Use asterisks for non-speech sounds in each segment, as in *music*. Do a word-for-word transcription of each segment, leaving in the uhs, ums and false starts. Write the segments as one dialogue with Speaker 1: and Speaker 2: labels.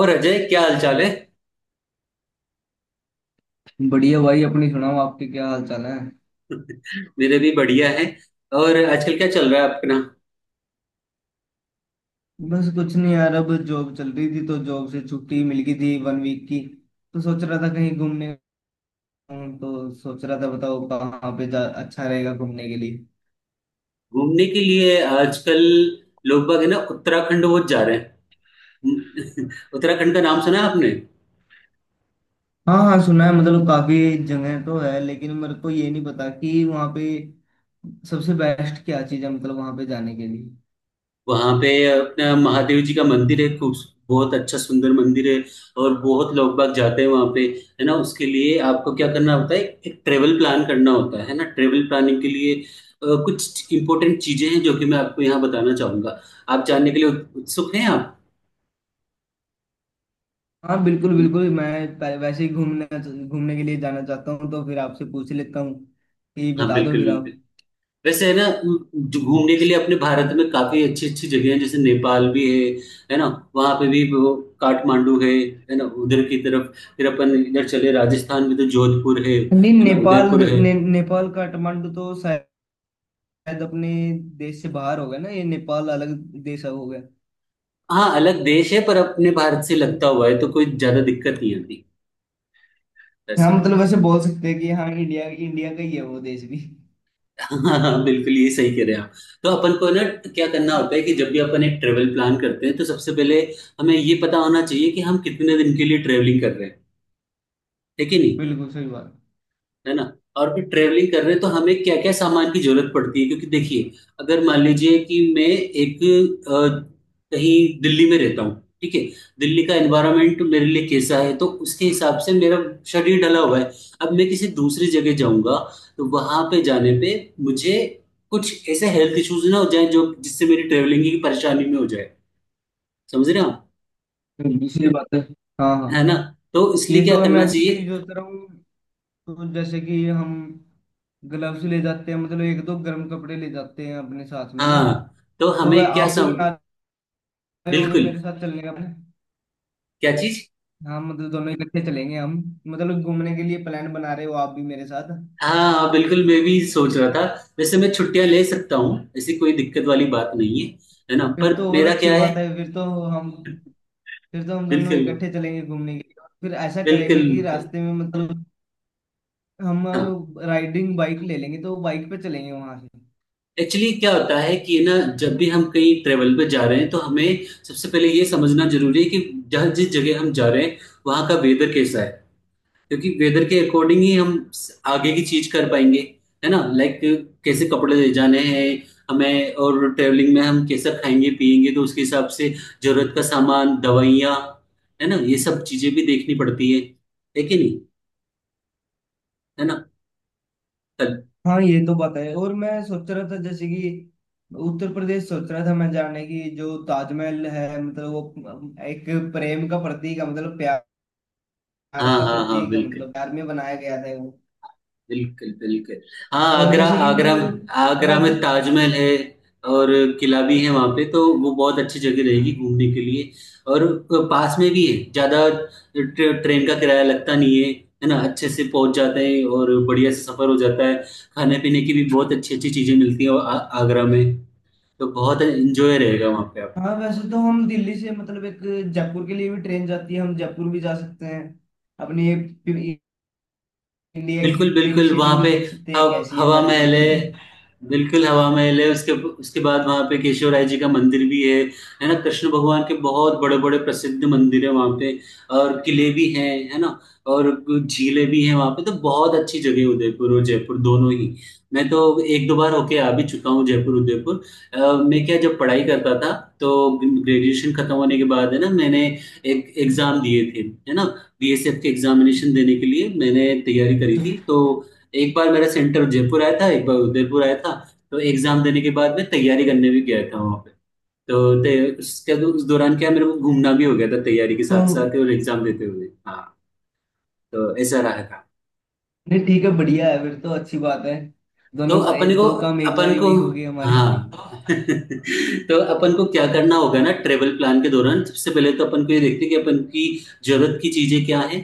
Speaker 1: और अजय, क्या हालचाल है।
Speaker 2: बढ़िया भाई। अपनी सुनाओ, आपके क्या हाल चाल है?
Speaker 1: *laughs* मेरे भी बढ़िया है। और आजकल क्या चल रहा है आपके, ना।
Speaker 2: बस कुछ नहीं यार। अब जॉब चल रही थी तो जॉब से छुट्टी मिल गई थी वन वीक की। तो सोच रहा था कहीं घूमने जाऊं, तो सोच रहा था, बताओ कहाँ पे जा अच्छा रहेगा घूमने के लिए।
Speaker 1: घूमने के लिए आजकल लोग बाग, है ना, उत्तराखंड वो जा रहे हैं। *laughs* उत्तराखंड का नाम सुना है आपने?
Speaker 2: हाँ हाँ सुना है, मतलब काफी जगह तो है, लेकिन मेरे को ये नहीं पता कि वहाँ पे सबसे बेस्ट क्या चीज़ है मतलब वहाँ पे जाने के लिए।
Speaker 1: वहां पे अपना महादेव जी का मंदिर है, खूब बहुत अच्छा सुंदर मंदिर है। और बहुत लोग बाग जाते हैं वहां पे, है ना। उसके लिए आपको क्या करना होता है? एक ट्रेवल प्लान करना होता है है ना। ट्रेवल प्लानिंग के लिए अ, कुछ इंपॉर्टेंट चीजें हैं जो कि मैं आपको यहाँ बताना चाहूंगा। आप जानने के लिए उत्सुक हैं आप?
Speaker 2: हाँ, बिल्कुल बिल्कुल। मैं पहले वैसे ही घूमने घूमने के लिए जाना चाहता हूँ। तो फिर आपसे पूछ लेता हूँ कि
Speaker 1: हाँ,
Speaker 2: बता दो
Speaker 1: बिल्कुल,
Speaker 2: फिर
Speaker 1: बिल्कुल।
Speaker 2: आप।
Speaker 1: वैसे, है ना, जो घूमने के लिए अपने भारत में काफी अच्छी अच्छी जगह है, जैसे नेपाल भी है है ना। वहां पे भी वो काठमांडू है है ना, उधर की तरफ। फिर अपन इधर चले राजस्थान में, तो जोधपुर है
Speaker 2: नहीं,
Speaker 1: है ना,
Speaker 2: नेपाल
Speaker 1: उदयपुर है।
Speaker 2: ने, नेपाल काठमांडू तो शायद अपने देश से बाहर हो गया ना। ये नेपाल अलग देश हो गया
Speaker 1: हाँ, अलग देश है, पर अपने भारत से
Speaker 2: तो।
Speaker 1: लगता हुआ है, तो कोई ज्यादा दिक्कत नहीं आती
Speaker 2: हाँ
Speaker 1: ऐसा है।
Speaker 2: मतलब वैसे बोल सकते हैं कि हाँ, इंडिया इंडिया का ही है वो देश भी।
Speaker 1: *laughs* हाँ, बिल्कुल, ये सही कह रहे हैं आप। तो अपन को ना, क्या करना होता है कि जब भी अपन एक ट्रेवल प्लान करते हैं तो सबसे पहले हमें ये पता होना चाहिए कि हम कितने दिन के लिए ट्रेवलिंग कर रहे हैं, है कि नहीं,
Speaker 2: बिल्कुल सही बात
Speaker 1: है ना। और फिर ट्रेवलिंग कर रहे हैं तो हमें क्या क्या सामान की जरूरत पड़ती है, क्योंकि देखिए, अगर मान लीजिए कि मैं एक अ, कहीं दिल्ली में रहता हूँ, ठीक है। दिल्ली का एनवायरनमेंट मेरे लिए कैसा है तो उसके हिसाब से मेरा शरीर ढला हुआ है। अब मैं किसी दूसरी जगह जाऊंगा, तो वहां पे जाने पे मुझे कुछ ऐसे हेल्थ इश्यूज ना हो जाए जो जिससे मेरी ट्रेवलिंग की परेशानी में हो जाए। समझ रहे हो आप?
Speaker 2: बिल्कुल सही बात है। हाँ हाँ।
Speaker 1: है ना? तो
Speaker 2: ये
Speaker 1: इसलिए क्या
Speaker 2: तो मैं
Speaker 1: करना
Speaker 2: भी यही
Speaker 1: चाहिए?
Speaker 2: सोच रहा हूँ। तो जैसे कि हम ग्लव्स ले जाते हैं मतलब एक दो गर्म कपड़े ले जाते हैं अपने साथ में ना।
Speaker 1: हाँ। तो
Speaker 2: तो वह
Speaker 1: हमें क्या
Speaker 2: आप भी
Speaker 1: सम।
Speaker 2: बना रहे होगे
Speaker 1: बिल्कुल।
Speaker 2: मेरे साथ चलने का plan?
Speaker 1: क्या चीज?
Speaker 2: हाँ मतलब दोनों इकट्ठे चलेंगे हम। मतलब घूमने के लिए प्लान बना रहे हो आप भी मेरे साथ।
Speaker 1: हाँ, बिल्कुल मैं भी सोच रहा था। वैसे मैं छुट्टियां ले सकता हूँ, ऐसी कोई दिक्कत वाली बात नहीं है, है ना।
Speaker 2: फिर
Speaker 1: पर
Speaker 2: तो और
Speaker 1: मेरा
Speaker 2: अच्छी
Speaker 1: क्या है,
Speaker 2: बात है। फिर तो हम फिर तो हम दोनों
Speaker 1: बिल्कुल,
Speaker 2: इकट्ठे चलेंगे घूमने के लिए। फिर ऐसा करेंगे
Speaker 1: बिल्कुल,
Speaker 2: कि
Speaker 1: बिल्कुल।
Speaker 2: रास्ते में मतलब हम
Speaker 1: हाँ।
Speaker 2: राइडिंग बाइक ले लेंगे तो बाइक पे चलेंगे वहां से।
Speaker 1: एक्चुअली क्या होता है कि ना, जब भी हम कहीं ट्रेवल पे जा रहे हैं तो हमें सबसे पहले ये समझना जरूरी है कि जहाँ जिस जगह हम जा रहे हैं वहाँ का वेदर कैसा है। क्योंकि वेदर के अकॉर्डिंग ही हम स- आगे की चीज कर पाएंगे, है ना। लाइक कैसे कपड़े ले जाने हैं हमें, और ट्रेवलिंग में हम कैसा खाएंगे पिएंगे तो उसके हिसाब से जरूरत का सामान, दवाइयाँ, है ना। ये सब चीजें भी देखनी पड़ती है है कि नहीं, है ना। कल।
Speaker 2: हाँ ये तो बात है। और मैं सोच रहा था जैसे कि उत्तर प्रदेश सोच रहा था मैं जाने की। जो ताजमहल है मतलब वो एक प्रेम का प्रतीक है मतलब प्यार
Speaker 1: हाँ,
Speaker 2: का
Speaker 1: हाँ, हाँ,
Speaker 2: प्रतीक है,
Speaker 1: बिल्कुल,
Speaker 2: मतलब प्यार में बनाया गया था वो।
Speaker 1: बिल्कुल, बिल्कुल। हाँ,
Speaker 2: और
Speaker 1: आगरा,
Speaker 2: जैसे कि
Speaker 1: आगरा। आगरा में
Speaker 2: मतलब,
Speaker 1: ताजमहल है, और किला भी है वहाँ पे, तो वो बहुत अच्छी जगह रहेगी घूमने के लिए। और पास में भी है, ज़्यादा ट्रे, ट्रेन का किराया लगता नहीं है, है ना। अच्छे से पहुँच जाते हैं और बढ़िया से सफ़र हो जाता है। खाने पीने की भी बहुत अच्छी अच्छी चीज़ें मिलती हैं, और आ- आगरा में तो बहुत एंजॉय रहेगा वहाँ पे आप।
Speaker 2: हाँ वैसे तो हम दिल्ली से मतलब एक जयपुर के लिए भी ट्रेन जाती है। हम जयपुर भी जा सकते हैं। अपनी ये पि- इंडिया की
Speaker 1: बिल्कुल,
Speaker 2: पिंक
Speaker 1: बिल्कुल।
Speaker 2: सिटी
Speaker 1: वहां
Speaker 2: भी
Speaker 1: पे
Speaker 2: देख सकते हैं
Speaker 1: हव,
Speaker 2: कैसी है
Speaker 1: हवा
Speaker 2: हमारी
Speaker 1: महल
Speaker 2: पिंक सिटी।
Speaker 1: है। बिल्कुल हवा महल है। उसके उसके बाद वहां पे केशव राय जी का मंदिर भी है है ना। कृष्ण भगवान के बहुत बड़े बड़े प्रसिद्ध मंदिर है वहां पे। और किले भी हैं, है ना। और झीलें भी हैं वहां पे, तो बहुत अच्छी जगह है उदयपुर और जयपुर दोनों ही। मैं तो एक दो बार होके आ भी चुका हूँ जयपुर उदयपुर। अ, मैं क्या, जब पढ़ाई करता था तो ग्रेजुएशन खत्म होने के बाद, है ना, मैंने एक एग्जाम दिए थे, है ना। बी एस एफ के एग्जामिनेशन देने के लिए मैंने तैयारी करी थी,
Speaker 2: *laughs*
Speaker 1: तो एक बार मेरा सेंटर जयपुर आया था, एक बार उदयपुर आया था। तो एग्जाम देने के बाद मैं तैयारी करने भी गया था वहाँ पे। तो ते- उसके उस दौरान क्या, मेरे को घूमना भी हो गया था तैयारी के
Speaker 2: तो
Speaker 1: साथ साथ, और एग्जाम देते हुए, हाँ। तो ऐसा रहा था।
Speaker 2: नहीं ठीक है बढ़िया है। फिर तो अच्छी बात है।
Speaker 1: तो
Speaker 2: दोनों का ये
Speaker 1: अपन को,
Speaker 2: दो काम एक
Speaker 1: अपन
Speaker 2: बारी में
Speaker 1: को
Speaker 2: ही हो गए हमारे।
Speaker 1: हाँ।
Speaker 2: *laughs*
Speaker 1: *laughs* तो अपन को क्या करना होगा ना, ट्रेवल प्लान के दौरान सबसे पहले तो अपन को ये देखते हैं कि अपन की जरूरत की चीजें क्या है,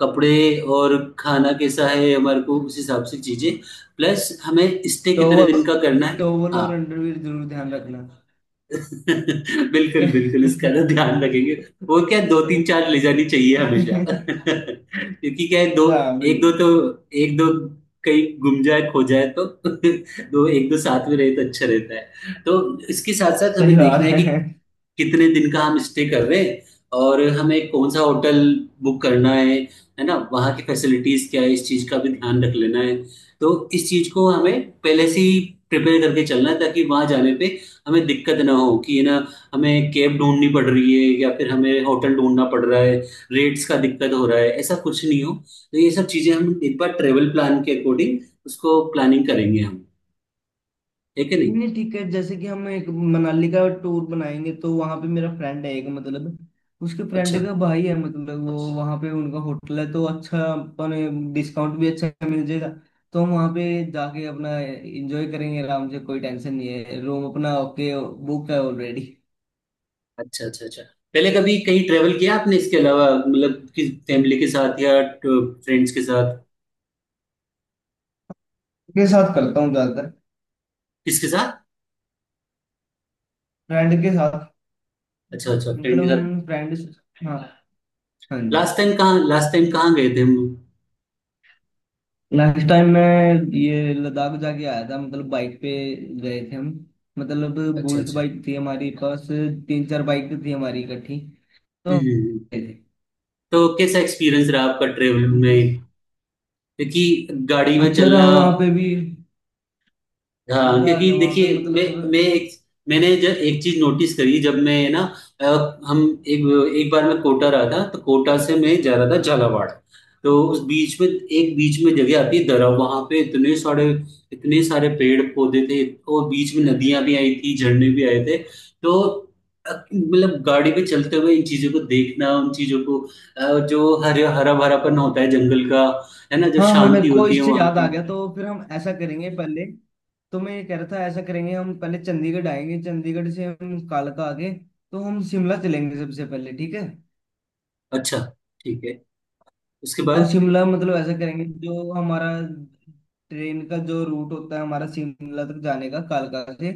Speaker 1: कपड़े, और खाना कैसा है हमारे को, उस हिसाब से चीजें। प्लस हमें स्टे कितने
Speaker 2: टॉवल
Speaker 1: दिन का करना है।
Speaker 2: टॉवल
Speaker 1: हाँ।
Speaker 2: और अंडरवियर जरूर ध्यान रखना।
Speaker 1: *laughs*
Speaker 2: ठीक है।
Speaker 1: बिल्कुल,
Speaker 2: *laughs*
Speaker 1: बिल्कुल, इसका ना ध्यान रखेंगे। वो क्या, दो तीन चार ले जानी चाहिए हमेशा। *laughs* क्योंकि क्या है, दो,
Speaker 2: हाँ
Speaker 1: एक दो
Speaker 2: बिल्कुल
Speaker 1: तो, एक दो कहीं गुम जाए, खो जाए तो, *laughs* दो, एक दो साथ में रहे तो अच्छा रहता है, तो इसके साथ साथ
Speaker 2: सही
Speaker 1: हमें देखना
Speaker 2: बात
Speaker 1: है
Speaker 2: है।
Speaker 1: कि कितने दिन का हम स्टे कर रहे हैं, और हमें कौन सा होटल बुक करना है है ना। वहाँ की फैसिलिटीज क्या है, इस चीज का भी ध्यान रख लेना है। तो इस चीज को हमें पहले से ही प्रिपेयर करके चलना है, ताकि वहाँ जाने पे हमें दिक्कत ना हो कि ना हमें कैब ढूंढनी पड़ रही है या फिर हमें होटल ढूंढना पड़ रहा है, रेट्स का दिक्कत हो रहा है, ऐसा कुछ नहीं हो। तो ये सब चीजें हम एक बार ट्रेवल प्लान के अकॉर्डिंग उसको प्लानिंग करेंगे हम, ठीक है? नहीं,
Speaker 2: नहीं ठीक है जैसे कि हम एक मनाली का टूर बनाएंगे तो वहां पे मेरा फ्रेंड है एक मतलब, उसके फ्रेंड
Speaker 1: अच्छा,
Speaker 2: का भाई है मतलब। वो वहां पे उनका होटल है तो अच्छा अपन डिस्काउंट भी अच्छा मिल जाएगा। तो हम वहां पे जाके अपना एंजॉय करेंगे आराम से, कोई टेंशन नहीं है। रूम अपना ओके, बुक है ऑलरेडी।
Speaker 1: अच्छा, अच्छा, अच्छा। पहले कभी कहीं ट्रेवल किया आपने इसके अलावा, मतलब किस, फैमिली के साथ या फ्रेंड्स के साथ?
Speaker 2: के साथ करता हूँ ज्यादातर।
Speaker 1: किसके साथ?
Speaker 2: फ्रेंड के साथ।
Speaker 1: अच्छा, अच्छा, फ्रेंड
Speaker 2: मतलब
Speaker 1: के साथ।
Speaker 2: हम फ्रेंड। हाँ हाँ जी।
Speaker 1: लास्ट टाइम कहाँ लास्ट टाइम कहाँ गए थे हम?
Speaker 2: लास्ट टाइम मैं ये लद्दाख जाके आया था मतलब बाइक पे गए थे हम, मतलब
Speaker 1: अच्छा,
Speaker 2: बुलेट
Speaker 1: अच्छा,
Speaker 2: बाइक थी हमारे पास। तीन चार बाइक थी हमारी इकट्ठी। तो हम
Speaker 1: हम्म, हम्म, हम्म।
Speaker 2: गए थे।
Speaker 1: तो कैसा एक्सपीरियंस रहा आपका ट्रेवल
Speaker 2: तो मतलब
Speaker 1: में? क्योंकि गाड़ी में
Speaker 2: अच्छा रहा
Speaker 1: चलना।
Speaker 2: वहाँ पे भी।
Speaker 1: हाँ,
Speaker 2: मजा आ
Speaker 1: क्योंकि
Speaker 2: गया वहाँ पे
Speaker 1: देखिए, मैं
Speaker 2: मतलब।
Speaker 1: मैं एक मैंने जब एक चीज नोटिस करी, जब मैं ना, अ, हम एक एक बार मैं कोटा रहा था तो कोटा से मैं जा रहा था झालावाड़। तो उस बीच में, एक बीच में जगह आती है दरा, वहां पे इतने सारे इतने सारे पेड़ पौधे थे। और बीच में नदियां भी आई थी, झरने भी आए थे, तो अ, मतलब गाड़ी पे चलते हुए इन चीजों को देखना, उन चीजों को, अ, जो हरे हरा भरापन होता है जंगल का, है ना, जो
Speaker 2: हाँ हाँ मेरे
Speaker 1: शांति
Speaker 2: को
Speaker 1: होती है
Speaker 2: इससे
Speaker 1: वहां
Speaker 2: याद आ
Speaker 1: की।
Speaker 2: गया। तो फिर हम ऐसा करेंगे, पहले तो मैं ये कह रहा था ऐसा करेंगे। हम पहले चंडीगढ़ आएंगे, चंडीगढ़ से हम कालका आके तो हम शिमला चलेंगे सबसे पहले, ठीक है।
Speaker 1: अच्छा, ठीक है। उसके
Speaker 2: तो
Speaker 1: बाद
Speaker 2: शिमला मतलब ऐसा करेंगे जो हमारा ट्रेन का जो रूट होता है हमारा शिमला तक जाने का कालका से,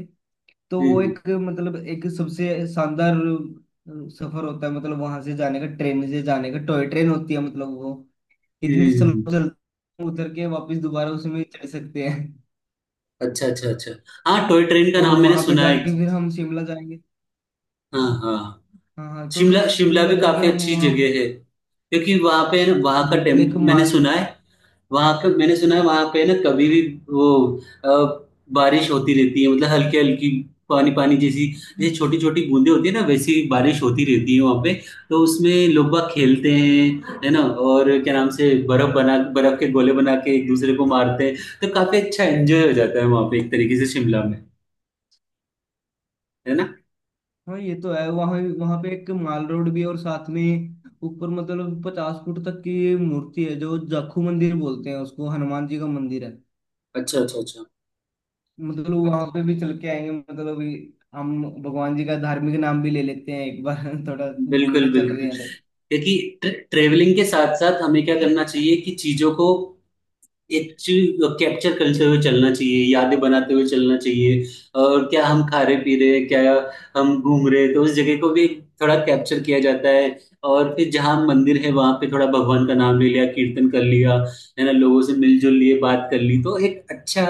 Speaker 2: तो
Speaker 1: हम्म,
Speaker 2: वो
Speaker 1: हम्म,
Speaker 2: एक मतलब एक सबसे शानदार अ, सफर होता है मतलब वहां से जाने का ट्रेन से जाने का। टॉय ट्रेन होती है मतलब वो इतनी
Speaker 1: हम्म,
Speaker 2: स्लो
Speaker 1: हम्म, हम्म।
Speaker 2: चलती है, उतर के वापस दोबारा उसमें चढ़ सकते हैं।
Speaker 1: अच्छा, अच्छा, अच्छा। हाँ, टॉय ट्रेन का
Speaker 2: और
Speaker 1: नाम मैंने
Speaker 2: वहां पे
Speaker 1: सुना है।
Speaker 2: जाके फिर हम शिमला जाएंगे।
Speaker 1: हाँ, हाँ।
Speaker 2: हाँ हाँ तो
Speaker 1: शिमला,
Speaker 2: शिमला
Speaker 1: शिमला
Speaker 2: शिमला
Speaker 1: भी
Speaker 2: जाके
Speaker 1: काफी
Speaker 2: हम
Speaker 1: अच्छी
Speaker 2: वहाँ।
Speaker 1: जगह है। क्योंकि वहां पे वहां का टेम
Speaker 2: बिल्कुल एक
Speaker 1: मैंने
Speaker 2: माल।
Speaker 1: सुना है, वहां पे मैंने सुना है वहां पे ना, कभी भी वो अ, बारिश होती रहती है, मतलब हल्की हल्की, पानी पानी जैसी, जैसे छोटी छोटी बूंदें होती है ना, वैसी बारिश होती रहती है वहां पे। तो उसमें लोग बाग खेलते हैं, है ना। और क्या नाम से, बर्फ बना बर्फ के गोले बना के एक दूसरे को मारते हैं। तो काफी अच्छा एंजॉय हो जाता है वहां पे, एक तरीके से शिमला में, है ना।
Speaker 2: हाँ ये तो है, वहाँ वहाँ पे एक माल रोड भी है और साथ में ऊपर मतलब पचास फुट तक की मूर्ति है जो जाखू मंदिर बोलते हैं उसको, हनुमान जी का मंदिर है।
Speaker 1: अच्छा, अच्छा, अच्छा।
Speaker 2: मतलब वहां पे भी चल के आएंगे मतलब, अभी हम भगवान जी का धार्मिक नाम भी ले लेते हैं एक बार *laughs* थोड़ा घूमने
Speaker 1: बिल्कुल,
Speaker 2: चल रहे
Speaker 1: बिल्कुल,
Speaker 2: हैं तो।
Speaker 1: क्योंकि ट्रेवलिंग के साथ साथ हमें क्या करना चाहिए कि चीजों को, एक चीज कैप्चर करते हुए चलना चाहिए, यादें बनाते हुए चलना चाहिए। और क्या हम खा रहे पी रहे, क्या हम घूम रहे, तो उस जगह को भी थोड़ा कैप्चर किया जाता है। और फिर जहाँ मंदिर है वहां पे थोड़ा भगवान का नाम ले लिया, कीर्तन कर लिया, है ना, लोगों से मिलजुल लिए, बात कर ली, तो एक अच्छा,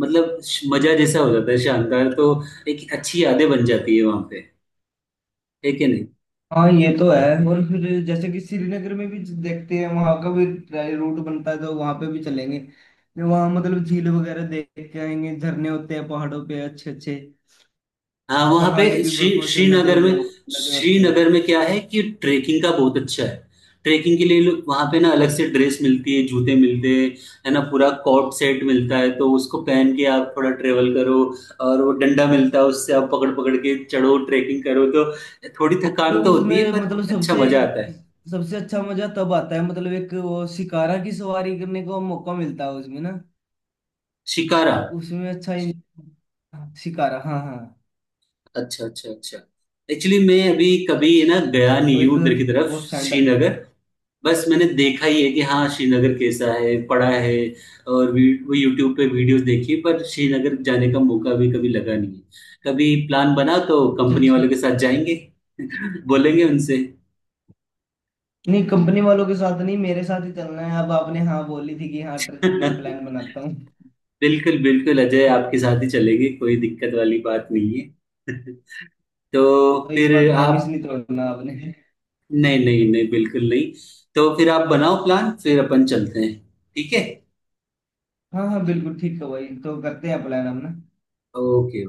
Speaker 1: मतलब श- मजा जैसा हो जाता है शानदार, तो एक अच्छी यादें बन जाती है वहां पे, है कि नहीं।
Speaker 2: हाँ ये तो है। और फिर जैसे कि श्रीनगर में भी देखते हैं, वहां का भी रूट बनता है तो वहां पे भी चलेंगे। वहां मतलब झील वगैरह देख के आएंगे, झरने होते हैं पहाड़ों पे अच्छे अच्छे।
Speaker 1: हाँ, वहाँ पे
Speaker 2: पहाड़ भी
Speaker 1: श्री
Speaker 2: बर्फों से लदे
Speaker 1: श्रीनगर
Speaker 2: हुए
Speaker 1: में,
Speaker 2: हो- लदे होते हैं।
Speaker 1: श्रीनगर में क्या है कि ट्रेकिंग का बहुत अच्छा है। ट्रेकिंग के लिए लोग वहाँ पे ना अलग से ड्रेस मिलती है, जूते मिलते हैं, है ना, पूरा कॉट सेट मिलता है, तो उसको पहन के आप थोड़ा ट्रेवल करो, और वो डंडा मिलता है, उससे आप पकड़ पकड़ के चढ़ो, ट्रेकिंग करो तो थोड़ी थकान
Speaker 2: मतलब
Speaker 1: तो होती है,
Speaker 2: उसमें
Speaker 1: पर
Speaker 2: मतलब
Speaker 1: अच्छा
Speaker 2: सबसे
Speaker 1: मजा आता है।
Speaker 2: सबसे अच्छा मजा तब आता है मतलब एक वो शिकारा की सवारी करने को मौका मिलता है उसमें ना।
Speaker 1: शिकारा?
Speaker 2: उसमें अच्छा इन- शिकारा, हाँ हाँ।
Speaker 1: अच्छा, अच्छा, अच्छा। एक्चुअली मैं अभी कभी ना गया
Speaker 2: वो
Speaker 1: नहीं
Speaker 2: एक
Speaker 1: हूँ उधर की तरफ,
Speaker 2: वो सैंडल।
Speaker 1: श्रीनगर। बस मैंने देखा ही है कि हाँ, श्रीनगर कैसा है, पढ़ा है, और वी वो यूट्यूब पे वीडियोज़ देखी है, पर श्रीनगर जाने का मौका भी कभी लगा नहीं है। कभी प्लान बना तो
Speaker 2: अच्छा
Speaker 1: कंपनी
Speaker 2: अच्छा।
Speaker 1: वालों के साथ जाएँगे, *laughs* बोलेंगे उनसे।
Speaker 2: नहीं कंपनी वालों के साथ नहीं, मेरे साथ ही चलना है। अब आपने हाँ बोली थी कि हाँ ट्रिप मैं प्लान
Speaker 1: *laughs*
Speaker 2: बनाता हूँ।
Speaker 1: बिल्कुल, बिल्कुल अजय, आपके साथ ही चलेंगे, कोई दिक्कत वाली बात नहीं है। *laughs* तो
Speaker 2: तो इस बार
Speaker 1: फिर
Speaker 2: प्रॉमिस नहीं
Speaker 1: आप,
Speaker 2: तोड़ना आपने।
Speaker 1: नहीं, नहीं, नहीं, बिल्कुल नहीं। तो फिर आप बनाओ प्लान, फिर अपन चलते हैं, ठीक है?
Speaker 2: हाँ हाँ बिल्कुल ठीक है भाई। तो करते हैं प्लान हम ना।
Speaker 1: ओके।